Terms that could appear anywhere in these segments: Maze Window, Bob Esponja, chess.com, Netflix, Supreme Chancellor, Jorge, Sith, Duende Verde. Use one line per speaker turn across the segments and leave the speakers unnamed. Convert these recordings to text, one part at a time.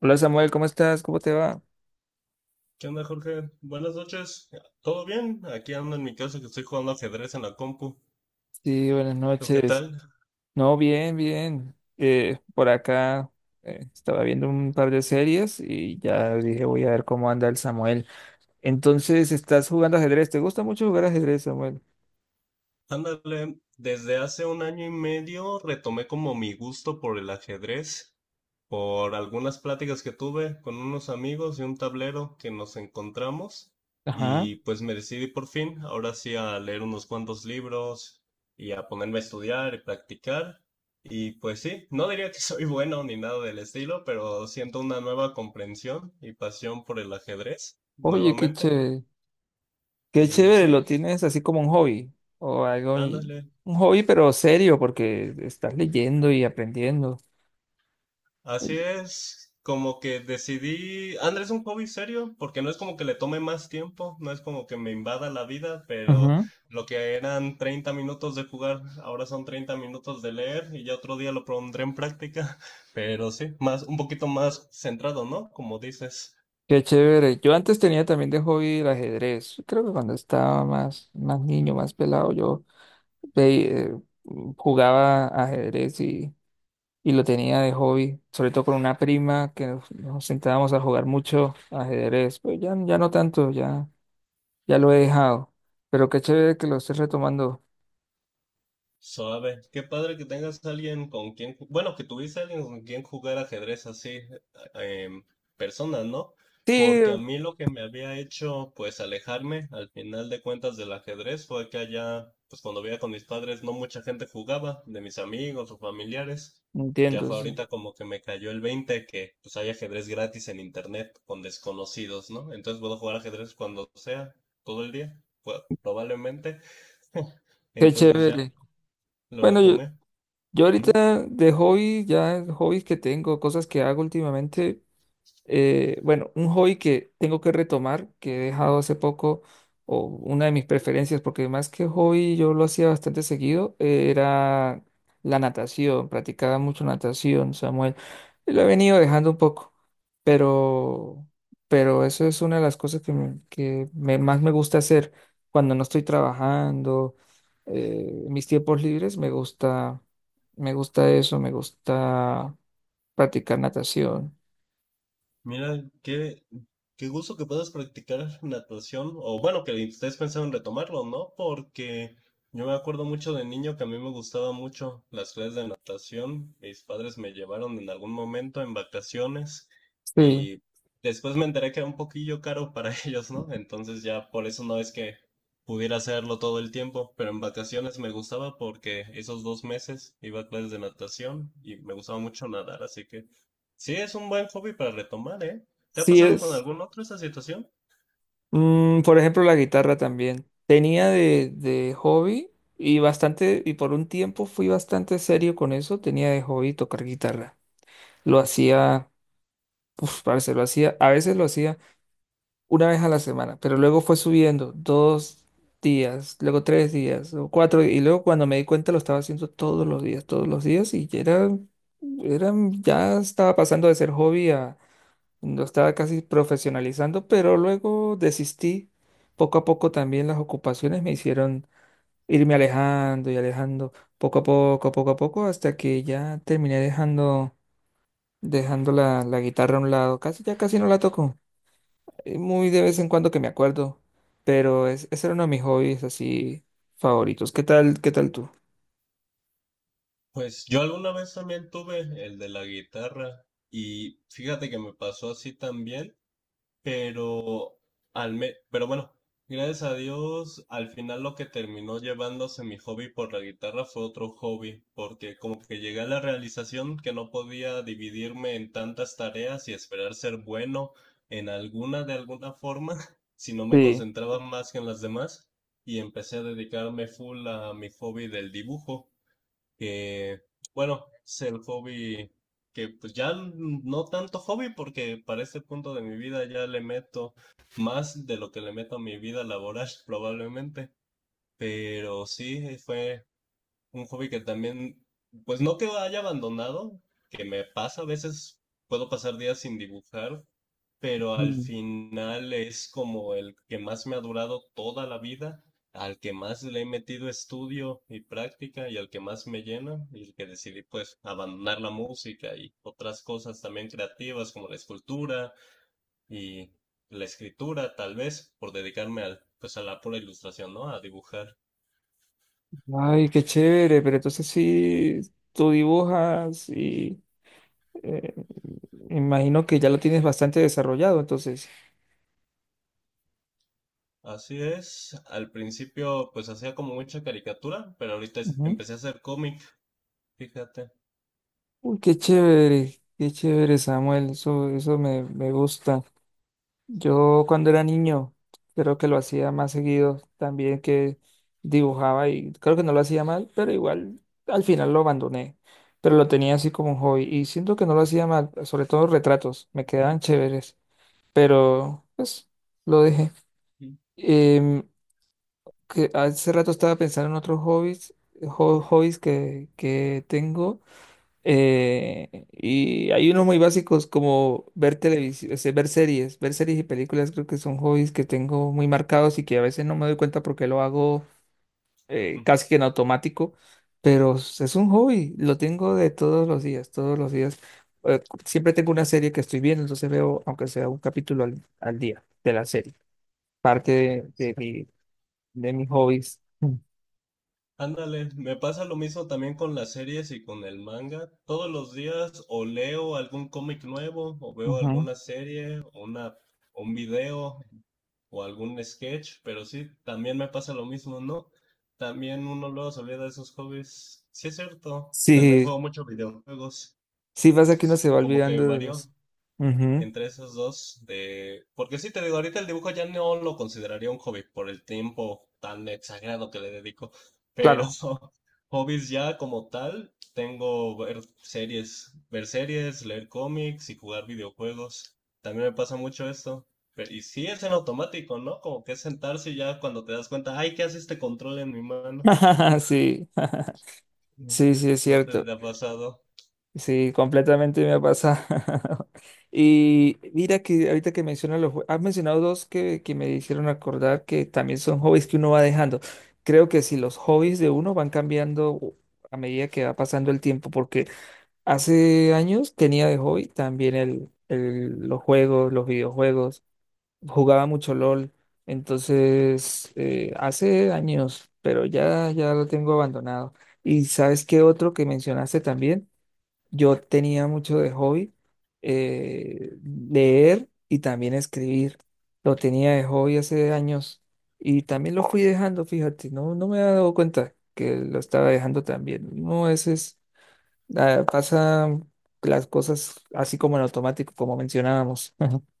Hola Samuel, ¿cómo estás? ¿Cómo te va?
¿Qué onda, Jorge? Buenas noches. ¿Todo bien? Aquí ando en mi casa que estoy jugando ajedrez en la compu.
Sí, buenas
¿Tú qué
noches.
tal?
No, bien, bien. Por acá estaba viendo un par de series y ya dije voy a ver cómo anda el Samuel. Entonces, ¿estás jugando ajedrez? ¿Te gusta mucho jugar ajedrez, Samuel?
Ándale, desde hace un año y medio retomé como mi gusto por el ajedrez, por algunas pláticas que tuve con unos amigos y un tablero que nos encontramos
Ajá.
y pues me decidí por fin, ahora sí, a leer unos cuantos libros y a ponerme a estudiar y practicar. Y pues sí, no diría que soy bueno ni nada del estilo, pero siento una nueva comprensión y pasión por el ajedrez
Oye, qué
nuevamente.
chévere. Qué
Y
chévere, lo
sí,
tienes así como un hobby o algo, y-
ándale.
un hobby pero serio porque estás leyendo y aprendiendo.
Así es, como que decidí, Andrés es un hobby serio, porque no es como que le tome más tiempo, no es como que me invada la vida, pero
Ujú.
lo que eran 30 minutos de jugar, ahora son 30 minutos de leer y ya otro día lo pondré en práctica, pero sí, más, un poquito más centrado, ¿no? Como dices.
Qué chévere. Yo antes tenía también de hobby el ajedrez. Creo que cuando estaba más, más niño, más pelado, yo ve- jugaba ajedrez y lo tenía de hobby, sobre todo con una prima que nos sentábamos a jugar mucho ajedrez. Pues ya, ya no tanto, ya, ya lo he dejado. Pero qué chévere que lo estés retomando.
Suave. Qué padre que tengas alguien con quien, que tuviese alguien con quien jugar ajedrez así, em, personas, ¿no?
Sí,
Porque a mí lo que me había hecho, pues, alejarme al final de cuentas del ajedrez fue que allá, pues, cuando vivía con mis padres, no mucha gente jugaba, de mis amigos o familiares. Ya
entiendo,
fue
sí.
ahorita como que me cayó el 20 que, pues, hay ajedrez gratis en internet con desconocidos, ¿no? Entonces puedo jugar ajedrez cuando sea, todo el día, pues, probablemente.
Qué
Entonces ya
chévere.
lo
Bueno, yo,
retomé.
yo
Ujú.
ahorita de hobby, ya hobbies que tengo, cosas que hago últimamente. Bueno, un hobby que tengo que retomar, que he dejado hace poco, o una de mis preferencias, porque más que hobby yo lo hacía bastante seguido, era la natación, practicaba mucho natación, Samuel. Y lo he venido dejando un poco, pero, pero eso es una de las cosas que me- más me gusta hacer cuando no estoy trabajando, en mis tiempos libres, me gusta eso, me gusta practicar natación.
Mira, qué gusto que puedas practicar natación, o bueno, que estés pensando en retomarlo, ¿no? Porque yo me acuerdo mucho de niño que a mí me gustaba mucho las clases de natación. Mis padres me llevaron en algún momento en vacaciones
Sí,
y después me enteré que era un poquillo caro para ellos, ¿no? Entonces ya por eso no es que pudiera hacerlo todo el tiempo, pero en vacaciones me gustaba porque esos 2 meses iba a clases de natación y me gustaba mucho nadar, así que... Sí, es un buen hobby para retomar, ¿eh? ¿Te ha
sí
pasado con
es.
algún otro esa situación?
Mm, por ejemplo, la guitarra también. Tenía de hobby y bastante, y por un tiempo fui bastante serio con eso. Tenía de hobby tocar guitarra. Lo hacía, uf, parce, lo hacía, a veces lo hacía una vez a la semana, pero luego fue subiendo dos días, luego tres días, luego cuatro, y luego cuando me di cuenta lo estaba haciendo todos los días, y ya era, era, ya estaba pasando de ser hobby a lo estaba casi profesionalizando, pero luego desistí. Poco a poco también las ocupaciones me hicieron irme alejando y alejando, poco a poco, hasta que ya terminé dejando, dejando la guitarra a un lado. Casi, ya casi no la toco. Muy de vez en cuando que me acuerdo, pero es, ese era uno de mis hobbies así favoritos. Qué tal tú?
Pues yo alguna vez también tuve el de la guitarra y fíjate que me pasó así también. Pero, pero bueno, gracias a Dios, al final lo que terminó llevándose mi hobby por la guitarra fue otro hobby, porque como que llegué a la realización que no podía dividirme en tantas tareas y esperar ser bueno en alguna de alguna forma, si no me
Sí.
concentraba más que en las demás, y empecé a dedicarme full a mi hobby del dibujo que, bueno, es el hobby que pues ya no tanto hobby porque para este punto de mi vida ya le meto más de lo que le meto a mi vida laboral probablemente, pero sí fue un hobby que también, pues no que haya abandonado, que me pasa a veces, puedo pasar días sin dibujar, pero al
Mm.
final es como el que más me ha durado toda la vida, al que más le he metido estudio y práctica y al que más me llena y el que decidí pues abandonar la música y otras cosas también creativas como la escultura y la escritura tal vez por dedicarme al pues a la pura ilustración, ¿no? A dibujar.
Ay, qué chévere, pero entonces sí, tú dibujas y... Eh, Imagino que ya lo tienes bastante desarrollado, entonces.
Así es, al principio pues hacía como mucha caricatura, pero ahorita
Ujú.
empecé a hacer cómic, fíjate.
Uy, qué chévere, Samuel. Eso me, me gusta. Yo cuando era niño, creo que lo hacía más seguido también que dibujaba y creo que no lo hacía mal, pero igual al final lo abandoné. Pero lo tenía así como un hobby y siento que no lo hacía mal, sobre todo retratos, me quedaban chéveres, pero pues lo dejé.
Mm.
Em, que hace rato estaba pensando en otros hobbies, ho- hobbies que tengo. Y hay unos muy básicos como ver televisión, ver series y películas creo que son hobbies que tengo muy marcados y que a veces no me doy cuenta porque lo hago casi que en automático, pero s- es un hobby, lo tengo de todos los días, todos los días. Siempre tengo una serie que estoy viendo, entonces veo aunque sea un capítulo al día de la serie, parte de mi, de mis hobbies. Mm.
Ándale, me pasa lo mismo también con las series y con el manga. Todos los días o leo algún cómic nuevo, o veo
Ujú.
alguna serie, un video, o algún sketch, pero sí, también me pasa lo mismo, ¿no? También uno luego se olvida de esos hobbies. Sí es cierto, también
Sí,
juego mucho videojuegos,
sí pasa que uno se va
como que
olvidando de
varió
los... Ujú,
entre esos dos de... Porque sí, te digo, ahorita el dibujo ya no lo consideraría un hobby por el tiempo tan exagerado que le dedico, pero
claro.
hobbies ya como tal, tengo ver series, leer cómics y jugar videojuegos. También me pasa mucho esto. Y sí, es en automático, ¿no? Como que es sentarse y ya cuando te das cuenta, ay, ¿qué hace este control en mi mano?
Sí, sí, sí, es
No sé si
cierto.
te ha pasado.
Sí, completamente me ha pasado. Y mira que ahorita que mencionas los... jue- Has mencionado dos que me hicieron acordar que también son hobbies que uno va dejando. Creo que si los hobbies de uno van cambiando a medida que va pasando el tiempo, porque hace años tenía de hobby también los juegos, los videojuegos. Jugaba mucho LOL, entonces hace años, pero ya, ya lo tengo abandonado. Y sabes qué otro que mencionaste también, yo tenía mucho de hobby leer y también escribir. Lo tenía de hobby hace años y también lo fui dejando, fíjate, no, no me he dado cuenta que lo estaba dejando también. No, ese es, ah, pasa las cosas así como en automático, como mencionábamos.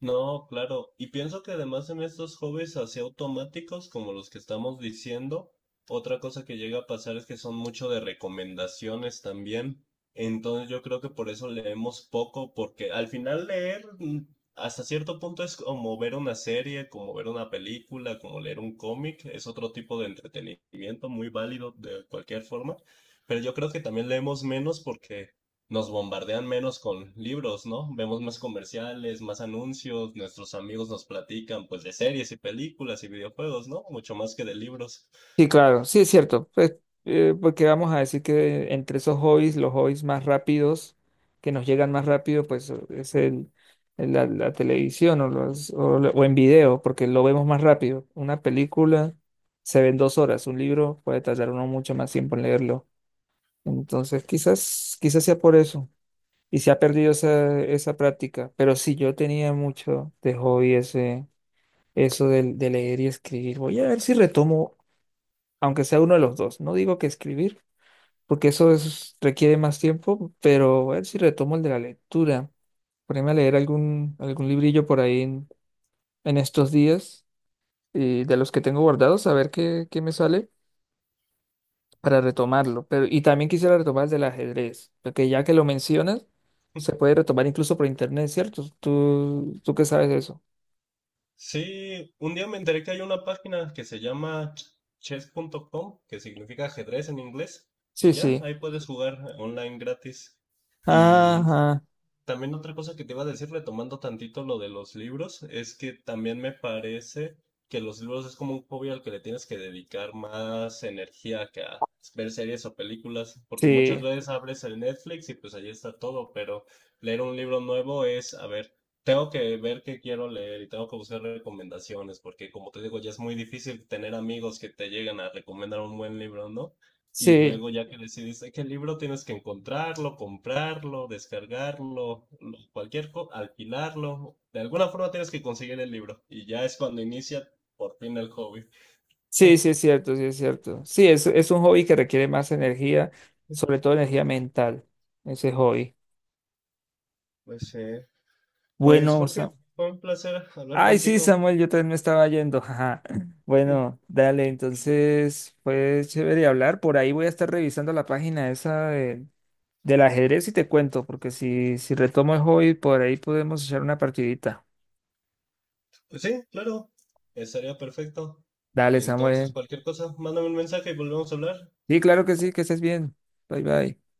No, claro. Y pienso que además en estos hobbies así automáticos como los que estamos diciendo, otra cosa que llega a pasar es que son mucho de recomendaciones también. Entonces yo creo que por eso leemos poco, porque al final leer hasta cierto punto es como ver una serie, como ver una película, como leer un cómic, es otro tipo de entretenimiento muy válido de cualquier forma. Pero yo creo que también leemos menos porque nos bombardean menos con libros, ¿no? Vemos más comerciales, más anuncios, nuestros amigos nos platican pues de series y películas y videojuegos, ¿no? Mucho más que de libros.
Sí, claro, sí es cierto, pues, porque vamos a decir que entre esos hobbies, los hobbies más rápidos, que nos llegan más rápido, pues es la televisión o, los, o, lo- o en video, porque lo vemos más rápido. Una película se ve en 2 horas, un libro puede tardar uno mucho más tiempo en leerlo. Entonces, quizás, quizás sea por eso. Y se ha perdido esa, esa práctica, pero sí, yo tenía mucho de hobby ese, eso del- de leer y escribir. Voy a ver si retomo aunque sea uno de los dos. No digo que escribir, porque eso es- requiere más tiempo, pero a ver si retomo el de la lectura. Ponerme a leer algún, algún librillo por ahí en estos días, y de los que tengo guardados, a ver qué, qué me sale para retomarlo. Pero, y también quisiera retomar el del ajedrez, porque ya que lo mencionas, se puede retomar incluso por internet, ¿cierto? ¿Tú, tú qué sabes de eso?
Sí, un día me enteré que hay una página que se llama chess.com, que significa ajedrez en inglés,
Sí,
y ya,
sí.
ahí puedes jugar online gratis. Y
Ajá.
también otra cosa que te iba a decir, retomando tantito lo de los libros, es que también me parece que los libros es como un hobby al que le tienes que dedicar más energía que a ver series o películas, porque muchas
Sí,
veces abres el Netflix y pues ahí está todo, pero leer un libro nuevo es, a ver, tengo que ver qué quiero leer y tengo que buscar recomendaciones, porque como te digo, ya es muy difícil tener amigos que te lleguen a recomendar un buen libro, ¿no? Y
sí.
luego ya que decides qué libro tienes que encontrarlo, comprarlo, descargarlo, cualquier alquilarlo. De alguna forma tienes que conseguir el libro. Y ya es cuando inicia por fin el hobby.
Sí, sí es cierto, sí es cierto. Sí, es un hobby que requiere más energía, sobre todo energía mental, ese hobby.
Pues, sí, pues
Bueno,
Jorge,
Sa-
fue un placer hablar
ay, sí,
contigo.
Samuel, yo también me estaba yendo. Jaja. Bueno, dale, entonces fue chévere hablar. Por ahí voy a estar revisando la página esa de- del ajedrez y te cuento, porque si, si retomo el hobby, por ahí podemos echar una partidita.
Pues sí, claro, estaría perfecto.
Dale,
Entonces,
Samuel.
cualquier cosa, mándame un mensaje y volvemos a hablar.
Sí, claro que sí, que estés bien. Bye, bye.